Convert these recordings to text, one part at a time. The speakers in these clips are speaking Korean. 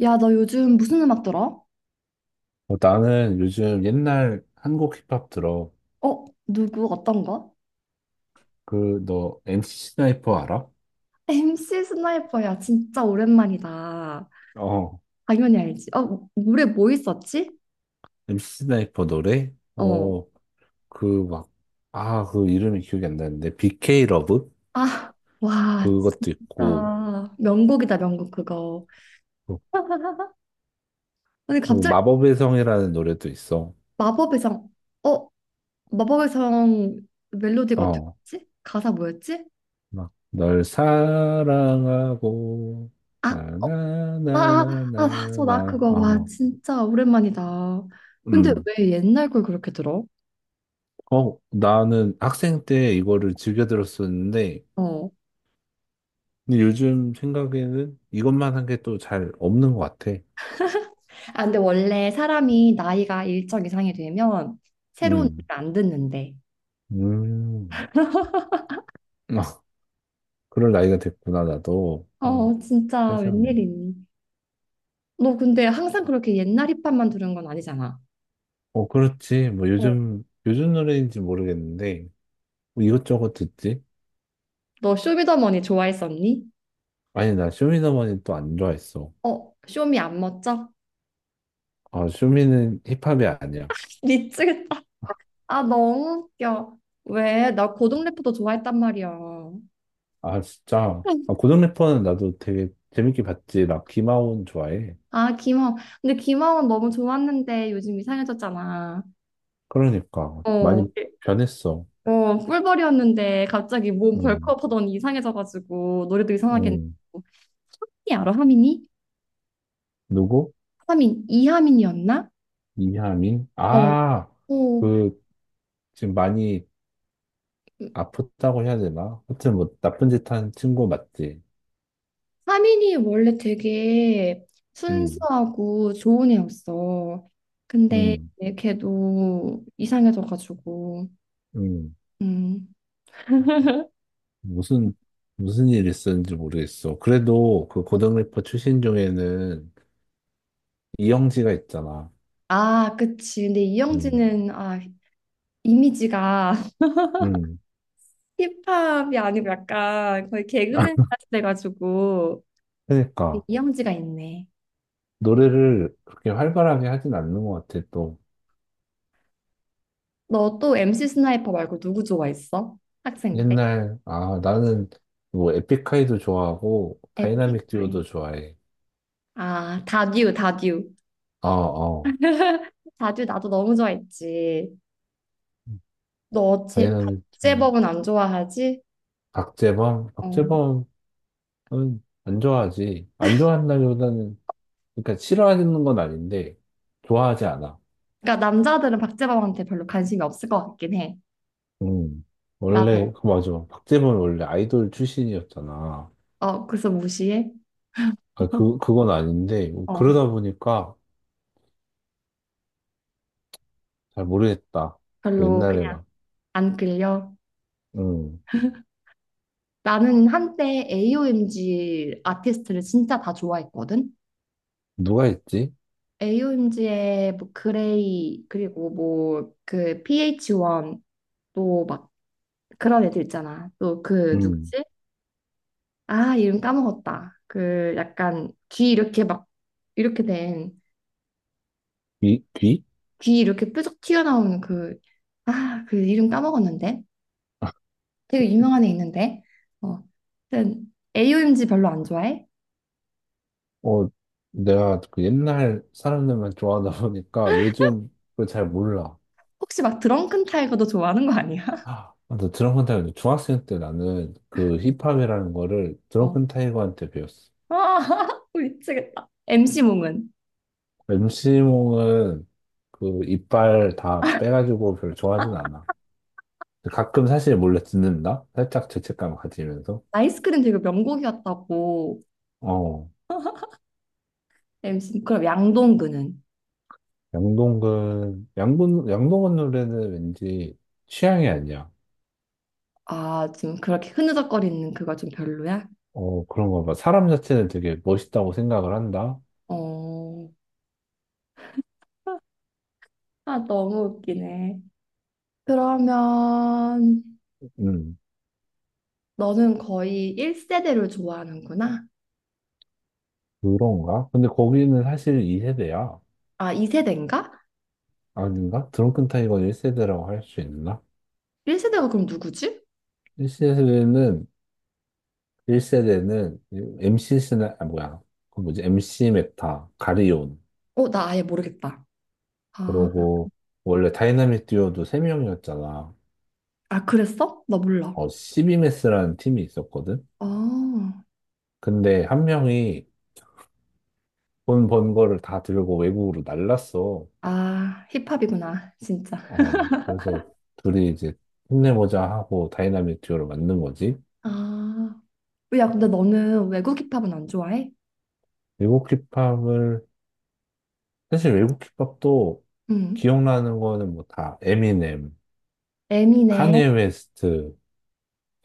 야, 너 요즘 무슨 음악 들어? 어, 나는 요즘 옛날 한국 힙합 들어. 어? 누구? 어떤 거? 그, 너, MC 스나이퍼 알아? MC 스나이퍼야, 진짜 오랜만이다. 어. 당연히 알지. 어, 노래 뭐 있었지? MC 스나이퍼 노래? 어. 어, 그 막, 아, 그 이름이 기억이 안 나는데. BK 러브? 아, 와, 그것도 있고, 진짜. 명곡이다, 명곡 그거. 근데 그리고 갑자기 마법의 성이라는 노래도 있어. 마법의 성, 어? 마법의 성 멜로디가 어떻게 어, 지 가사 뭐였지? 막, 널 사랑하고, 아, 어, 아, 아, 아, 맞아, 나 나나나나나나. 그거. 와, 어, 진짜 오랜만이다. 근데 음. 왜 옛날 걸 그렇게 들어? 어, 나는 학생 때 이거를 즐겨 들었었는데, 어. 근데 요즘 생각에는 이것만 한 게 또 잘 없는 것 같아. 아, 근데 원래 사람이 나이가 일정 이상이 되면 새로운 음, 일을 안 듣는데. 음, 아, 그럴 나이가 됐구나, 나도. 어, 어, 진짜 세상에. 웬일이니? 너 근데 항상 그렇게 옛날 힙합만 들은 건 아니잖아. 어, 그렇지. 뭐 어. 요즘 노래인지 모르겠는데, 뭐 이것저것 듣지? 너 쇼미더머니 좋아했었니? 아니, 나 쇼미더머니 또 안 좋아했어. 어, 쇼미 안 멋져? 아, 쇼미는 힙합이 아니야. 미치겠다. 아, 너무 웃겨. 왜? 나 고등 래퍼도 좋아했단 말이야. 아, 진짜. 아, 고등 래퍼는 나도 되게 재밌게 봤지. 나 김하온 좋아해. 아, 김하원. 근데 김하원 너무 좋았는데 요즘 이상해졌잖아. 그러니까. 많이 어, 변했어. 어, 꿀벌이었는데 갑자기 몸 음, 벌크업 하더니 이상해져가지고 노래도 이상하게 음. 했고 하민이 알아? 하민이? 누구? 하민 이하민이었나? 이하민? 어, 아, 어. 그, 지금 많이 아프다고 해야 되나? 하여튼 뭐, 나쁜 짓 한 친구 맞지? 하민이 원래 되게 응, 순수하고 좋은 애였어. 근데 응, 걔도 이상해져가지고 응. 음. 무슨, 무슨 일 있었는지 모르겠어. 그래도 그 어, 고등 래퍼 출신 중에는 이영지가 있잖아. 아, 그치. 근데 응, 이영지는 이미지가 응. 힙합이 아니고 약간 거의 개그맨 같이 돼가지고 그러니까, 이영지가 있네. 노래를 그렇게 활발하게 하진 않는 것 같아, 또. 너 또 MC 스나이퍼 말고 누구 좋아했어? 학생 때? 아, 나는 뭐, 에픽하이도 좋아하고, 에픽 다이나믹 아이. 듀오도 좋아해. 아, 다듀, 다듀. 어, 어. 다듀 나도 너무 좋아했지. 너 제, 다이나믹 듀오. 박재범은 안 좋아하지? 박재범? 어. 박재범은 안 좋아하지. 안 좋아한다기보다는, 그러니까 싫어하는 건 아닌데, 좋아하지 않아. 그러니까 남자들은 박재범한테 별로 관심이 없을 것 같긴 해. 음. 난 너, 원래, 그 맞아. 박재범이 원래 아이돌 출신이었잖아. 어, 그래서 무시해? 아, 그건 아닌데, 어, 그러다 보니까 잘 모르겠다. 그 별로 옛날에 그냥 막, 안 끌려. 음. 나는 한때 AOMG 아티스트를 진짜 다 좋아했거든? 누가 있지? AOMG의 뭐 그레이, 그리고 뭐 그 PH1 또막 그런 애들 있잖아. 또 그 음. 누구지? 아, 이름 까먹었다. 그 약간 귀 이렇게 막 이렇게 된 귀? 귀? 귀 이렇게 뾰족 튀어나오는 그 아, 그 이름 까먹었는데. 되게 유명한 애 있는데. 어. 하여튼 AOMG 별로 안 좋아해? 어, 내가 그 옛날 사람들만 좋아하다 보니까 요즘 그걸 잘 몰라. 혹시 막 드렁큰 타이거도 좋아하는 거 아니야? 아, 맞아. 드럼 큰 타이거 중학생 때 나는 그 힙합이라는 거를 드럼 어. 큰 타이거한테 배웠어. 아, 미치겠다. MC 몽은 MC몽은 그 이빨 다 빼가지고 별로 좋아하진 않아. 가끔 사실 몰래 듣는다? 살짝 죄책감 가지면서. 아이스크림 되게 명곡이었다고. 어, MC 그럼 양동근은? 양동근 노래는 왠지 취향이 아니야. 아, 지금 그렇게 흐느적거리는 그거 좀 별로야? 어, 그런가 봐. 사람 자체는 되게 멋있다고 생각을 한다? 어. 아, 너무 웃기네. 그러면 음, 너는 거의 1세대를 좋아하는구나. 그런가? 근데 거기는 사실 2세대야. 아, 2세대인가? 아닌가? 드렁큰 타이거는 1세대라고 할 수 있나? 1세대가 그럼 누구지? 1세대는, 1세대는 아, 뭐야. 그 뭐지? MC 메타, 가리온. 어, 나 아예 모르겠다. 아, 그러고, 원래 다이나믹 듀오도 3명이었잖아. 아, 그랬어? 나 몰라. 어, CBMS라는 팀이 있었거든? 아, 근데 한 명이 돈 번 거를 다 들고 외국으로 날랐어. 아, 힙합이구나, 진짜. 어, 그래서 둘이 이제 힘내보자 하고 다이나믹 듀오를 만든 거지. 아, 야, 근데 너는 외국 힙합은 안 좋아해? 외국 힙합을, 사실 외국 힙합도 응. 기억나는 거는 뭐 다 에미넴, 에미네, 카니에 웨스트,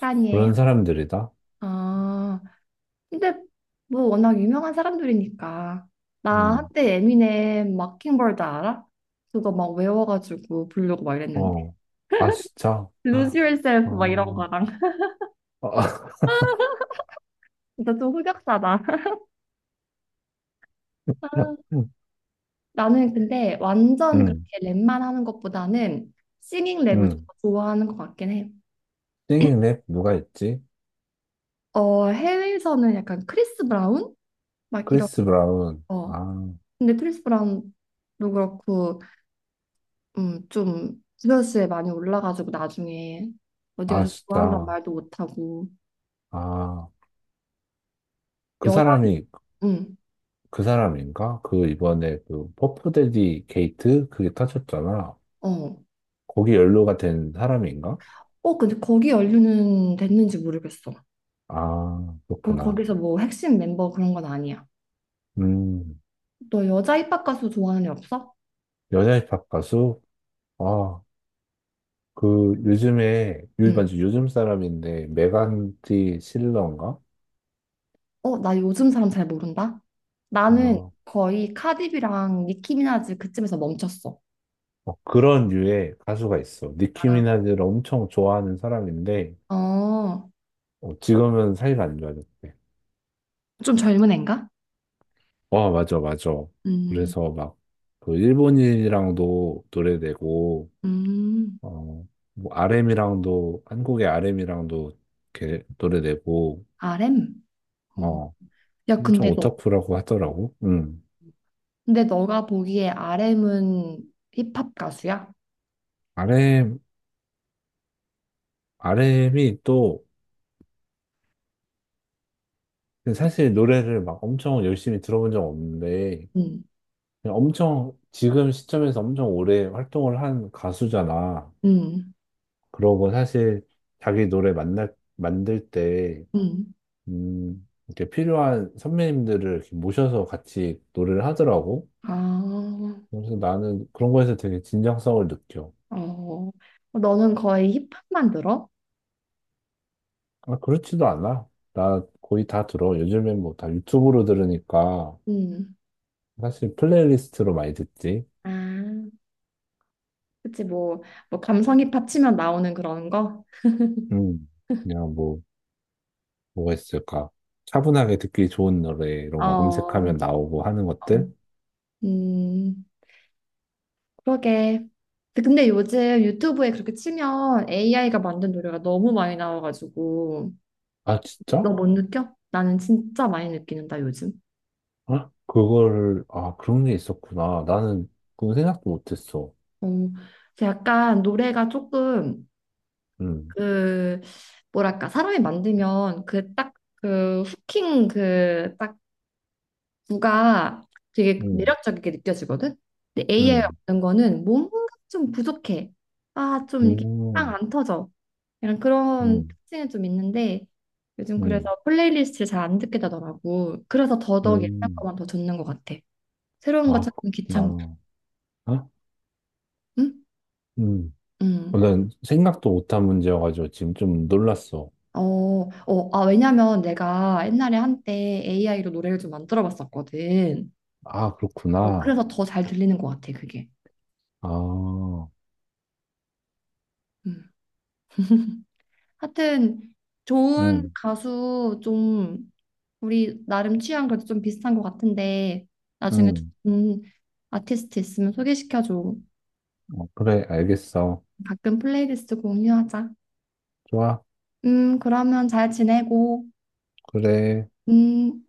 카니에. 그런 사람들이다? 아, 근데 뭐 워낙 유명한 사람들이니까 나 음, 한때 에미넴 마킹버드 알아? 그거 막 외워가지고 부르고 막 이랬는데 어. 아, 진짜? Lose 아, Yourself 막 이런 어. 거랑 아, 진짜 좀 흑역사다 아, 나는 근데 완전 그렇게 음, 랩만 하는 것보다는 싱잉 랩을 좀 음. 더 좋아하는 것 같긴 해. 싱잉 랩 누가 있지? 어, 해외에서는 약간 크리스 브라운? 막 이런 크리스 브라운. 거. 아, 근데 크리스 브라운도 그렇고 좀 스트레스에 많이 올라가지고 나중에 어디 아, 가서 좋아한다는 진짜. 말도 못하고 아, 그 여자 사람이, 음, 그 사람인가? 그 이번에 그 퍼프데디 게이트? 그게 터졌잖아. 어. 거기 연루가 된 사람인가? 어, 근데 거기 연류는 됐는지 모르겠어. 아, 그 그렇구나. 거기서 뭐 핵심 멤버 그런 건 아니야. 음, 너 여자 힙합 가수 좋아하는 애 없어? 여자 힙합 가수? 아, 그 요즘에 요 응. 맞지 요즘 사람인데 메간디 실러인가? 어, 나 요즘 사람 잘 모른다. 나는 어, 거의 카디비랑 니키미나즈 그쯤에서 멈췄어. 어, 그런 류의 가수가 있어. 니키 아, 미나즈를 엄청 좋아하는 사람인데 어, 어, 지금은 사이가 안 좋아졌대. 좀 젊은 애인가? 와 맞아 맞아. 음, 그래서 막 그 일본인이랑도 노래 내고 음, 어, 뭐 RM이랑도 한국의 RM이랑도 이렇게 노래 내고 RM? 음. 어, 야, 엄청 근데 너 오타쿠라고 하더라고. 음. 근데 너가 보기에 RM은 힙합 가수야? r 엠 RM이 또 근데 사실 노래를 막 엄청 열심히 들어본 적 없는데, 응, 그냥 엄청 지금 시점에서 엄청 오래 활동을 한 가수잖아. 응, 그러고 사실 자기 노래 만들 때, 응. 이렇게 필요한 선배님들을 이렇게 모셔서 같이 노래를 하더라고. 아, 그래서 나는 그런 거에서 되게 진정성을 느껴. 어. 너는 거의 힙합만 들어? 아, 그렇지도 않아. 나 거의 다 들어. 요즘엔 뭐 다 유튜브로 들으니까 응. 사실 플레이리스트로 많이 듣지. 아, 그치, 뭐, 뭐, 감성 힙합 치면 나오는 그런 거? 음, 그냥 뭐. 뭐가 있을까? 차분하게 듣기 좋은 노래 어, 이런 거 어. 검색하면 나오고 하는 것들? 음, 그러게. 근데 요즘 유튜브에 그렇게 치면 AI가 만든 노래가 너무 많이 나와가지고, 아, 진짜? 너 못 느껴? 나는 진짜 많이 느끼는다, 요즘. 아, 그런 게 있었구나. 나는 그건 생각도 못했어. 어, 그래서 약간 노래가 조금 음, 그 뭐랄까 사람이 만들면 그 딱 그 후킹 그 딱 구가 되게 음, 매력적이게 느껴지거든. 근데 AI 음, 없는 거는 뭔가 좀 부족해. 아, 좀 이렇게 빵 음, 안 터져. 약간 그런 음, 특징이 좀 있는데 요즘 음, 그래서 플레이리스트를 잘 안 듣게 되더라고. 그래서 더더욱 옛날 음. 거만 더 듣는 것 같아. 새로운 거 아, 찾는 귀찮고. 그렇구나. 아, 응? 음. 응. 어, 난 생각도 못한 문제여가지고 지금 좀 놀랐어. 어, 어, 아, 왜냐면 내가 옛날에 한때 AI로 노래를 좀 만들어 봤었거든. 아, 어, 그렇구나. 그래서 더 잘 들리는 것 같아, 그게. 아, 음. 하여튼, 좋은 음, 가수 좀, 우리 나름 취향 그래도 좀 비슷한 것 같은데, 나중에 음. 좋은 아티스트 있으면 소개시켜줘. 어, 그래, 알겠어. 가끔 플레이리스트 공유하자. 좋아, 그러면 잘 지내고, 그래. 음.